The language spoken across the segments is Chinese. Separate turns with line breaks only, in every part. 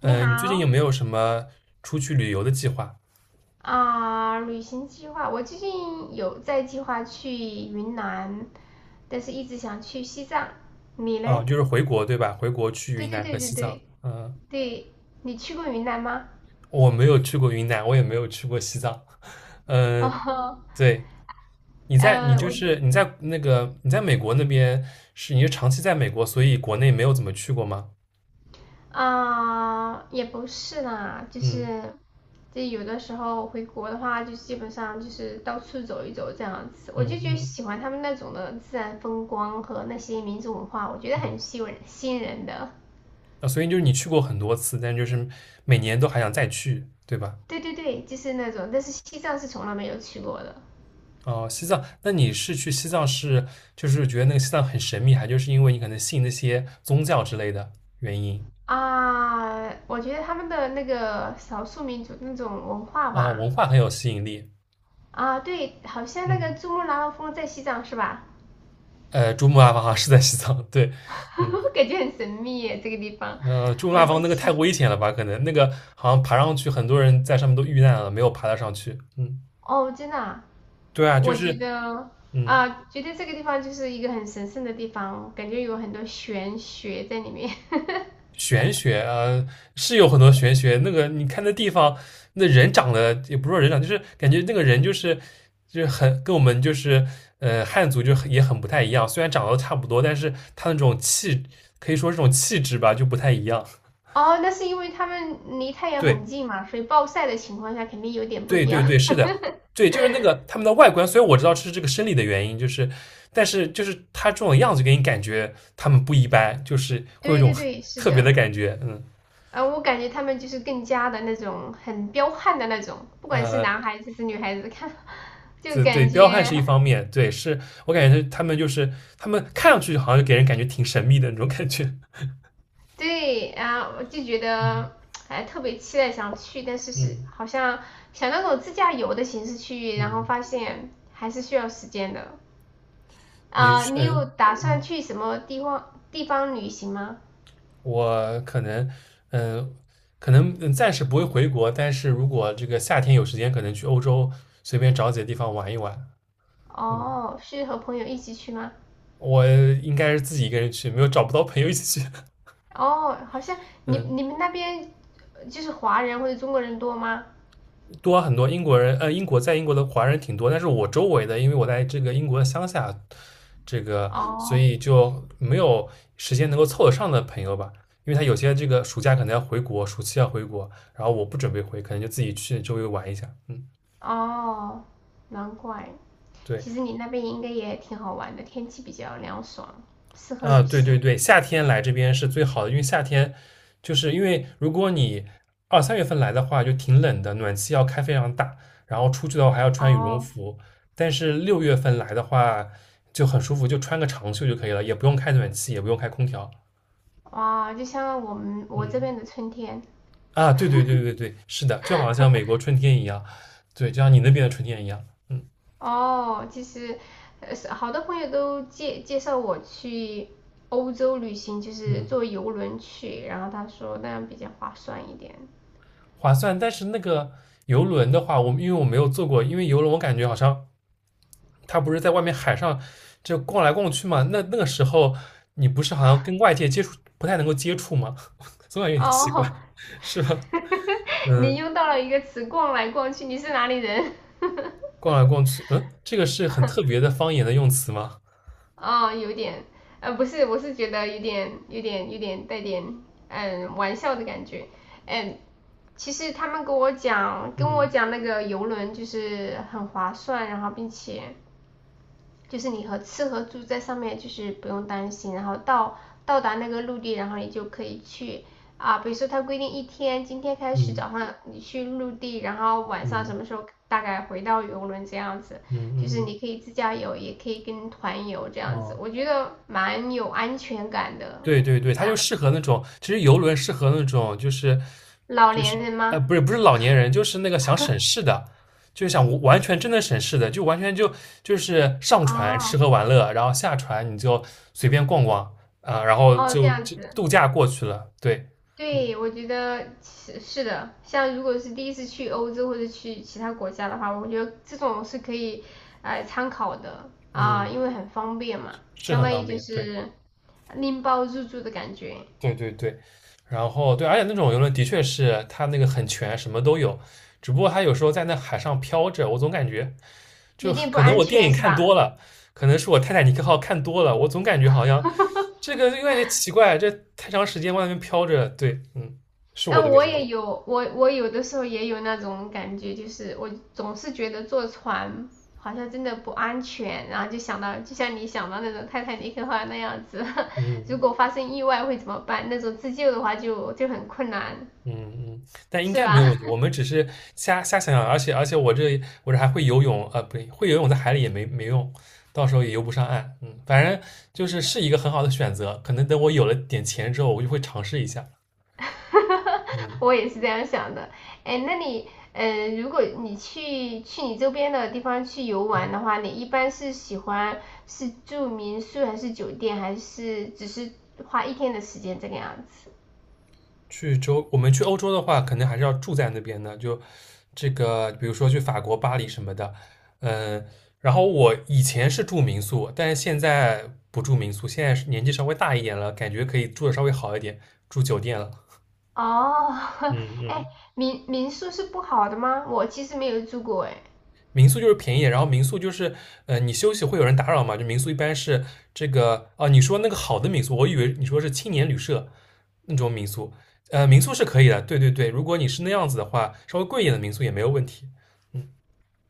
你
你最近有
好，
没有什么出去旅游的计划？
啊、旅行计划，我最近有在计划去云南，但是一直想去西藏。你嘞？
就是回国对吧？回国去
对
云
对
南和
对对
西藏。
对
嗯、
对，你去过云南吗？
我没有去过云南，我也没有去过西藏。嗯、
哦，
对，你在你
呃，
就
我就
是你在那个你在美国那边是你是长期在美国，所以国内没有怎么去过吗？
啊、也不是啦，就
嗯
是就有的时候回国的话，就基本上就是到处走一走这样子。我
嗯
就觉得
嗯
喜欢他们那种的自然风光和那些民族文化，我觉得
嗯。
很吸引人的。
啊，所以就是你去过很多次，但就是每年都还想再去，对吧？
对对对，就是那种，但是西藏是从来没有去过的。
哦，西藏，那你去西藏就是觉得那个西藏很神秘，还就是因为你可能信那些宗教之类的原因
啊。我觉得他们的那个少数民族那种文化
啊，哦
吧，
文化很有吸引力。
啊，对，好像那个
嗯，
珠穆朗玛峰在西藏是吧？
珠穆朗玛峰好像是在西藏，对，嗯，
感觉很神秘耶这个地方。
珠穆
我
朗玛峰
之
那个太
前
危险了吧？可能那个好像爬上去，很多人在上面都遇难了，没有爬得上去。嗯，
哦，真的啊。
对啊，就
我觉
是
得
嗯。
啊，觉得这个地方就是一个很神圣的地方，感觉有很多玄学在里面。
玄学啊，是有很多玄学。那个你看那地方，那人长得也不是说人长，就是感觉那个人很跟我们就是汉族就很也很不太一样。虽然长得都差不多，但是他那种气可以说这种气质吧就不太一样。
哦，那是因为他们离太阳很
对
近嘛，所以暴晒的情况下肯定有点不
对
一
对
样。
对，是的，对，就是那个他们的外观。虽然我知道是这个生理的原因，就是但是就是他这种样子给你感觉他们不一般，就是会有一
对
种
对对，是
特别的
的，
感觉。嗯
我感觉他们就是更加的那种很彪悍的那种，不管是
呃，
男孩子是女孩子看，就
对对，
感觉。
彪悍是一方面，对，是我感觉他们就是他们看上去好像就给人感觉挺神秘的那种感觉。
对啊，我就觉
嗯
得哎特别期待想去，但是是
嗯
好像想那种自驾游的形式去，然后
嗯，
发现还是需要时间的。
你
啊。
是
你有
嗯，
打算
嗯
去什么地方旅行吗？
我可能嗯呃可能暂时不会回国，但是如果这个夏天有时间，可能去欧洲随便找几个地方玩一玩。嗯，
哦，是和朋友一起去吗？
我应该是自己一个人去，没有找不到朋友一起去。
哦，好像 你
嗯。
你们那边就是华人或者中国人多吗？
多很多英国人，英国在英国的华人挺多，但是我周围的，因为我在这个英国的乡下，这个所
哦。
以就没有时间能够凑得上的朋友吧。因为他有些这个暑假可能要回国，暑期要回国，然后我不准备回，可能就自己去周围玩一下。嗯，
哦，难怪。
对。
其实你那边应该也挺好玩的，天气比较凉爽，适合
啊，
旅
对对
行。
对，夏天来这边是最好的，因为夏天就是因为如果你二三月份来的话，就挺冷的，暖气要开非常大，然后出去的话还要穿羽绒
哦。
服。但是六月份来的话就很舒服，就穿个长袖就可以了，也不用开暖气，也不用开空调。
哇，就像我们我这
嗯，
边的春天。
啊，对对对对对，是的，就好像美国 春天一样，对，就像你那边的春天一样。嗯
哦，其实，是好多朋友都介绍我去欧洲旅行，就是
嗯，
坐游轮去，然后他说那样比较划算一点。
划算。但是那个游轮的话，我因为我没有坐过，因为游轮我感觉好像。他不是在外面海上就逛来逛去嘛？那那个时候你不是好像跟外界接触不太能够接触吗？总感觉有点奇怪，
哦。
是吧？
你
嗯，
用到了一个词“逛来逛去”，你是哪里人？
逛来逛去，嗯，这个是很特别的方言的用词吗？
哦，有点，不是，我是觉得有点带点，嗯，玩笑的感觉。嗯，其实他们跟我讲，跟我
嗯
讲那个游轮就是很划算，然后并且就是你和吃和住在上面就是不用担心，然后到到达那个陆地，然后你就可以去啊，比如说它规定一天，今天开始
嗯
早上你去陆地，然后晚上什
嗯
么时候大概回到游轮这样子，
嗯
就
嗯
是
嗯，
你可以自驾游，也可以跟团游这样子，
哦。
我觉得蛮有安全感的。
对对对，它
是
就
啊。
适合那种，其实游轮适合那种就是
老
就是，
年人吗？
不是不是老年人，就是那个想省事的，就是想完全真的省事的，就完全就就是上船吃喝
哦。
玩乐，然后下船你就随便逛逛啊，然后
哦，这
就
样
就
子。
度假过去了。对，嗯
对，我觉得是的，像如果是第一次去欧洲或者去其他国家的话，我觉得这种是可以参考的啊，
嗯，
因为很方便嘛，
是
相
很
当于
方
就
便，对。
是拎包入住的感觉，
对对对，然后对，而且那种游轮的确是它那个很全，什么都有，只不过它有时候在那海上飘着，我总感觉
有
就
点不
可能
安
我电
全
影
是
看多
吧？
了，可能是我《泰坦尼克号》看多了，我总感觉好像这个有点奇怪，这太长时间外面飘着，对，嗯，是我的
但
原
我
因，
也有，我有的时候也有那种感觉，就是我总是觉得坐船好像真的不安全，然后就想到，就像你想到那种泰坦尼克号那样子，
嗯。
如果发生意外会怎么办？那种自救的话就很困难，
嗯嗯，但应
是
该没有问
吧？
题。我们只是瞎想想，而且我这还会游泳，啊，不对，会游泳在海里也没没用，到时候也游不上岸。嗯，反正就是是一个很好的选择。可能等我有了点钱之后，我就会尝试一下。嗯，
我也是这样想的。哎，那你，嗯，如果你去你周边的地方去游玩的话，你一般是喜欢是住民宿还是酒店，还是只是花一天的时间这个样子？
我们去欧洲的话，可能还是要住在那边的。就这个，比如说去法国巴黎什么的。嗯，然后我以前是住民宿，但是现在不住民宿，现在是年纪稍微大一点了，感觉可以住的稍微好一点，住酒店了。
哦。
嗯
哎，
嗯。
民宿是不好的吗？我其实没有住过哎。
民宿就是便宜，然后民宿就是，你休息会有人打扰嘛？就民宿一般是这个啊，你说那个好的民宿，我以为你说是青年旅社那种民宿，民宿是可以的，对对对，如果你是那样子的话，稍微贵一点的民宿也没有问题。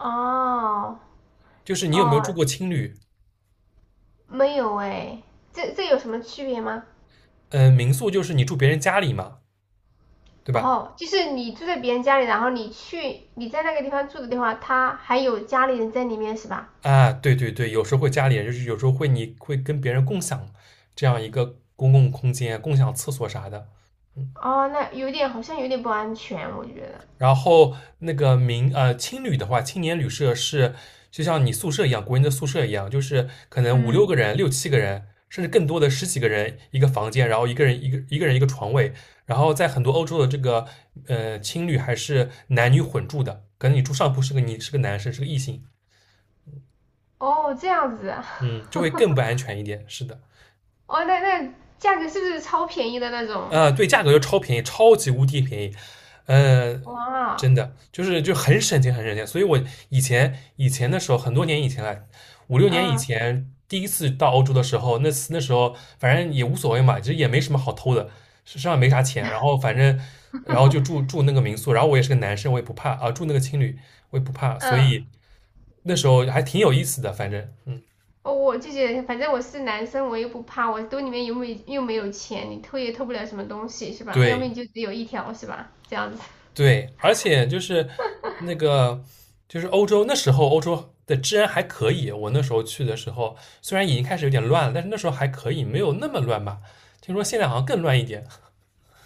哦。
就是你有没有住
哦，
过青旅？
没有哎，这有什么区别吗？
民宿就是你住别人家里嘛，对吧？
哦，就是你住在别人家里，然后你去你在那个地方住的地方，他还有家里人在里面是吧？
啊，对对对，有时候会家里人，就是有时候会你会跟别人共享这样一个公共空间、共享厕所啥的，嗯。
哦，那有点好像有点不安全，我觉得。
然后那个青旅的话，青年旅社是就像你宿舍一样，国内的宿舍一样，就是可能五六个
嗯。
人、六七个人，甚至更多的十几个人一个房间，然后一个人一个人一个床位。然后在很多欧洲的这个青旅还是男女混住的，可能你住上铺是个你是个男生是个异性，
哦，这样子啊，
嗯，就会更 不安全一点。是的，
哦，那价格是不是超便宜的那种？
啊，对，价格就超便宜，超级无敌便宜，呃，真
哇。
的就是就很省钱，很省钱。所以我以前的时候，很多年以前了，五六年以
嗯
前第一次到欧洲的时候，那时候反正也无所谓嘛，其实也没什么好偷的，身上也没啥钱，然后反正然后就住那个民宿，然后我也是个男生，我也不怕啊，住那个青旅我也不怕，所
嗯。
以那时候还挺有意思的，反正嗯，
哦，我就觉得反正我是男生，我又不怕，我兜里面又没有钱，你偷也偷不了什么东西是吧？要么
对。
你就只有一条是吧？这样子。
对，而且就是那个，就是欧洲那时候欧洲的治安还可以。我那时候去的时候，虽然已经开始有点乱了，但是那时候还可以，没有那么乱吧。听说现在好像更乱一点。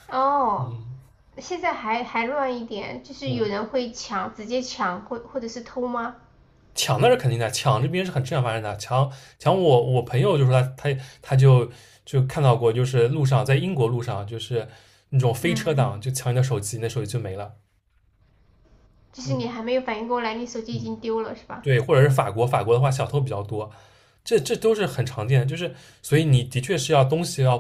哦，
嗯
现在还乱一点，就是有
嗯，
人会抢，直接抢或者是偷吗？
抢那是肯定的，抢这边是很正常发生的。抢我朋友就说他就看到过，就是路上在英国路上就是那种飞车
嗯，
党就抢你的手机，那手机就没了。
就是你
嗯
还没有反应过来，你手机已经
嗯。
丢了是吧？
对，或者是法国，法国的话小偷比较多，这这都是很常见的，就是所以你的确是要东西要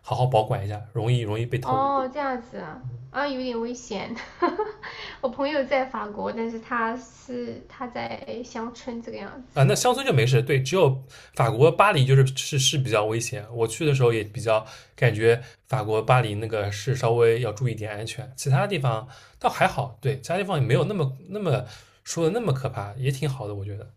好好保管一下，容易被偷。
哦，这样子啊，
嗯
啊，有点危险。我朋友在法国，但是他在乡村这个样
啊，
子。
那乡村就没事，对，只有法国巴黎就是是是比较危险。我去的时候也比较感觉法国巴黎那个是稍微要注意点安全，其他地方倒还好，对，其他地方也没有那么那么说的那么可怕，也挺好的，我觉得。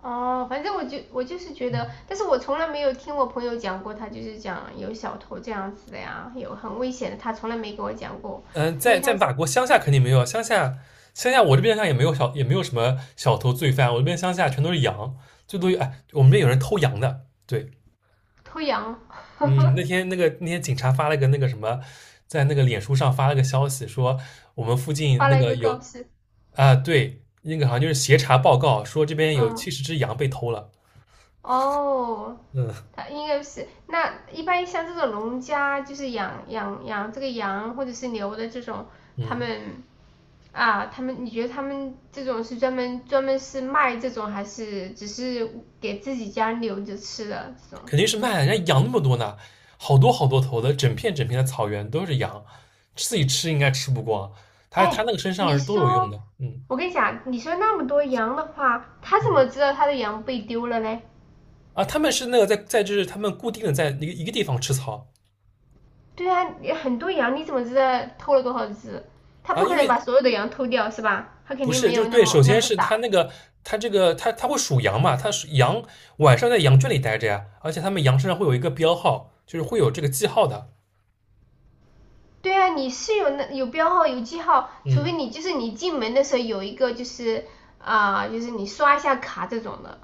哦，反正我就是觉
嗯
得，但是我从来没有听我朋友讲过，他就是讲有小偷这样子的呀，有很危险的，他从来没给我讲过，
嗯，
因
在
为
在
他是
法国乡下肯定没有，乡下我这边上也没有小也没有什么小偷罪犯，我这边乡下全都是羊，最多哎，我们这边有人偷羊的，对，
偷羊，
嗯，那天那个那天警察发了个那个什么，在那个脸书上发了个消息说我们附近
发
那
了一
个
个
有
告示，
啊，对，那个好像就是协查报告说这边有七
嗯。
十只羊被偷了，
哦，
嗯
它应该是那一般像这种农家，就是养这个羊或者是牛的这种，他
嗯。
们啊，他们你觉得他们这种是专门是卖这种，还是只是给自己家留着吃的这种？
肯定是卖啊，人家羊那么多呢，好多好多头的，整片整片的草原都是羊，自己吃应该吃不光。它
哎，
那个身上
你
是都有用
说，
的，嗯
我跟你讲，你说那么多羊的话，他怎
嗯
么知道他的羊被丢了嘞？
啊，他们是那个在就是他们固定的在一个一个地方吃草
对啊，很多羊你怎么知道偷了多少只？他
啊，
不可
因
能
为
把所有的羊偷掉是吧？他肯
不
定
是
没
就
有
是
那
对，
么
首
那
先
么
是它
傻。
那个它会数羊嘛，它是羊晚上在羊圈里待着呀，而且他们羊身上会有一个标号，就是会有这个记号的，
对啊，你是有那有标号有记号，除非
嗯
你就是你进门的时候有一个就是啊、就是你刷一下卡这种的，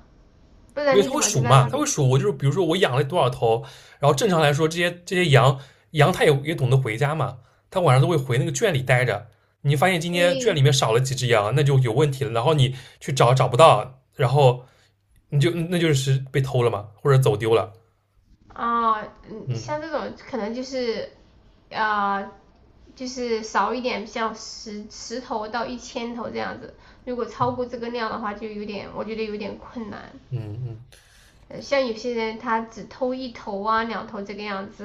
不
没
然
有，
你
它
怎
会
么知
数
道
嘛，
你
它
的？
会数。我就是比如说我养了多少头，然后正常来说，这些羊它也也懂得回家嘛，它晚上都会回那个圈里待着。你发现今天圈
对
里面少了几只羊，那就有问题了。然后你去找找不到，然后你就那就是被偷了嘛，或者走丢了。
啊。嗯，
嗯
像这种可能就是啊，就是少一点，像十头到1000头这样子。如果超过这个量的话，就有点我觉得有点困难。
嗯嗯，
像有些人他只偷1头啊2头这个样子，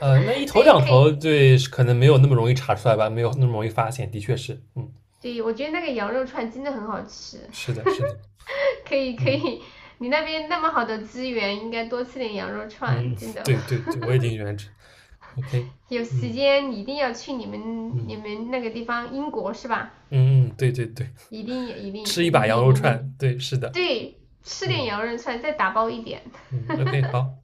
那一 头
所以
两
可以，
头对，可能没有那么容易查出来吧，没有那么容易发现，的确是，嗯，
对，我觉得那个羊肉串真的很好吃。
是的，是的，
可以可
嗯
以，你那边那么好的资源，应该多吃点羊肉串，
嗯，
真的。
对对对，我也挺 喜欢吃。OK，
有时
嗯
间一定要去你们
嗯
你们那个地方，英国是吧？
嗯嗯，对对对。
一定一定
吃一
一
把羊
定
肉
一定，
串，对，是的，
对，吃点
嗯
羊肉串，再打包一点。
嗯，OK，好。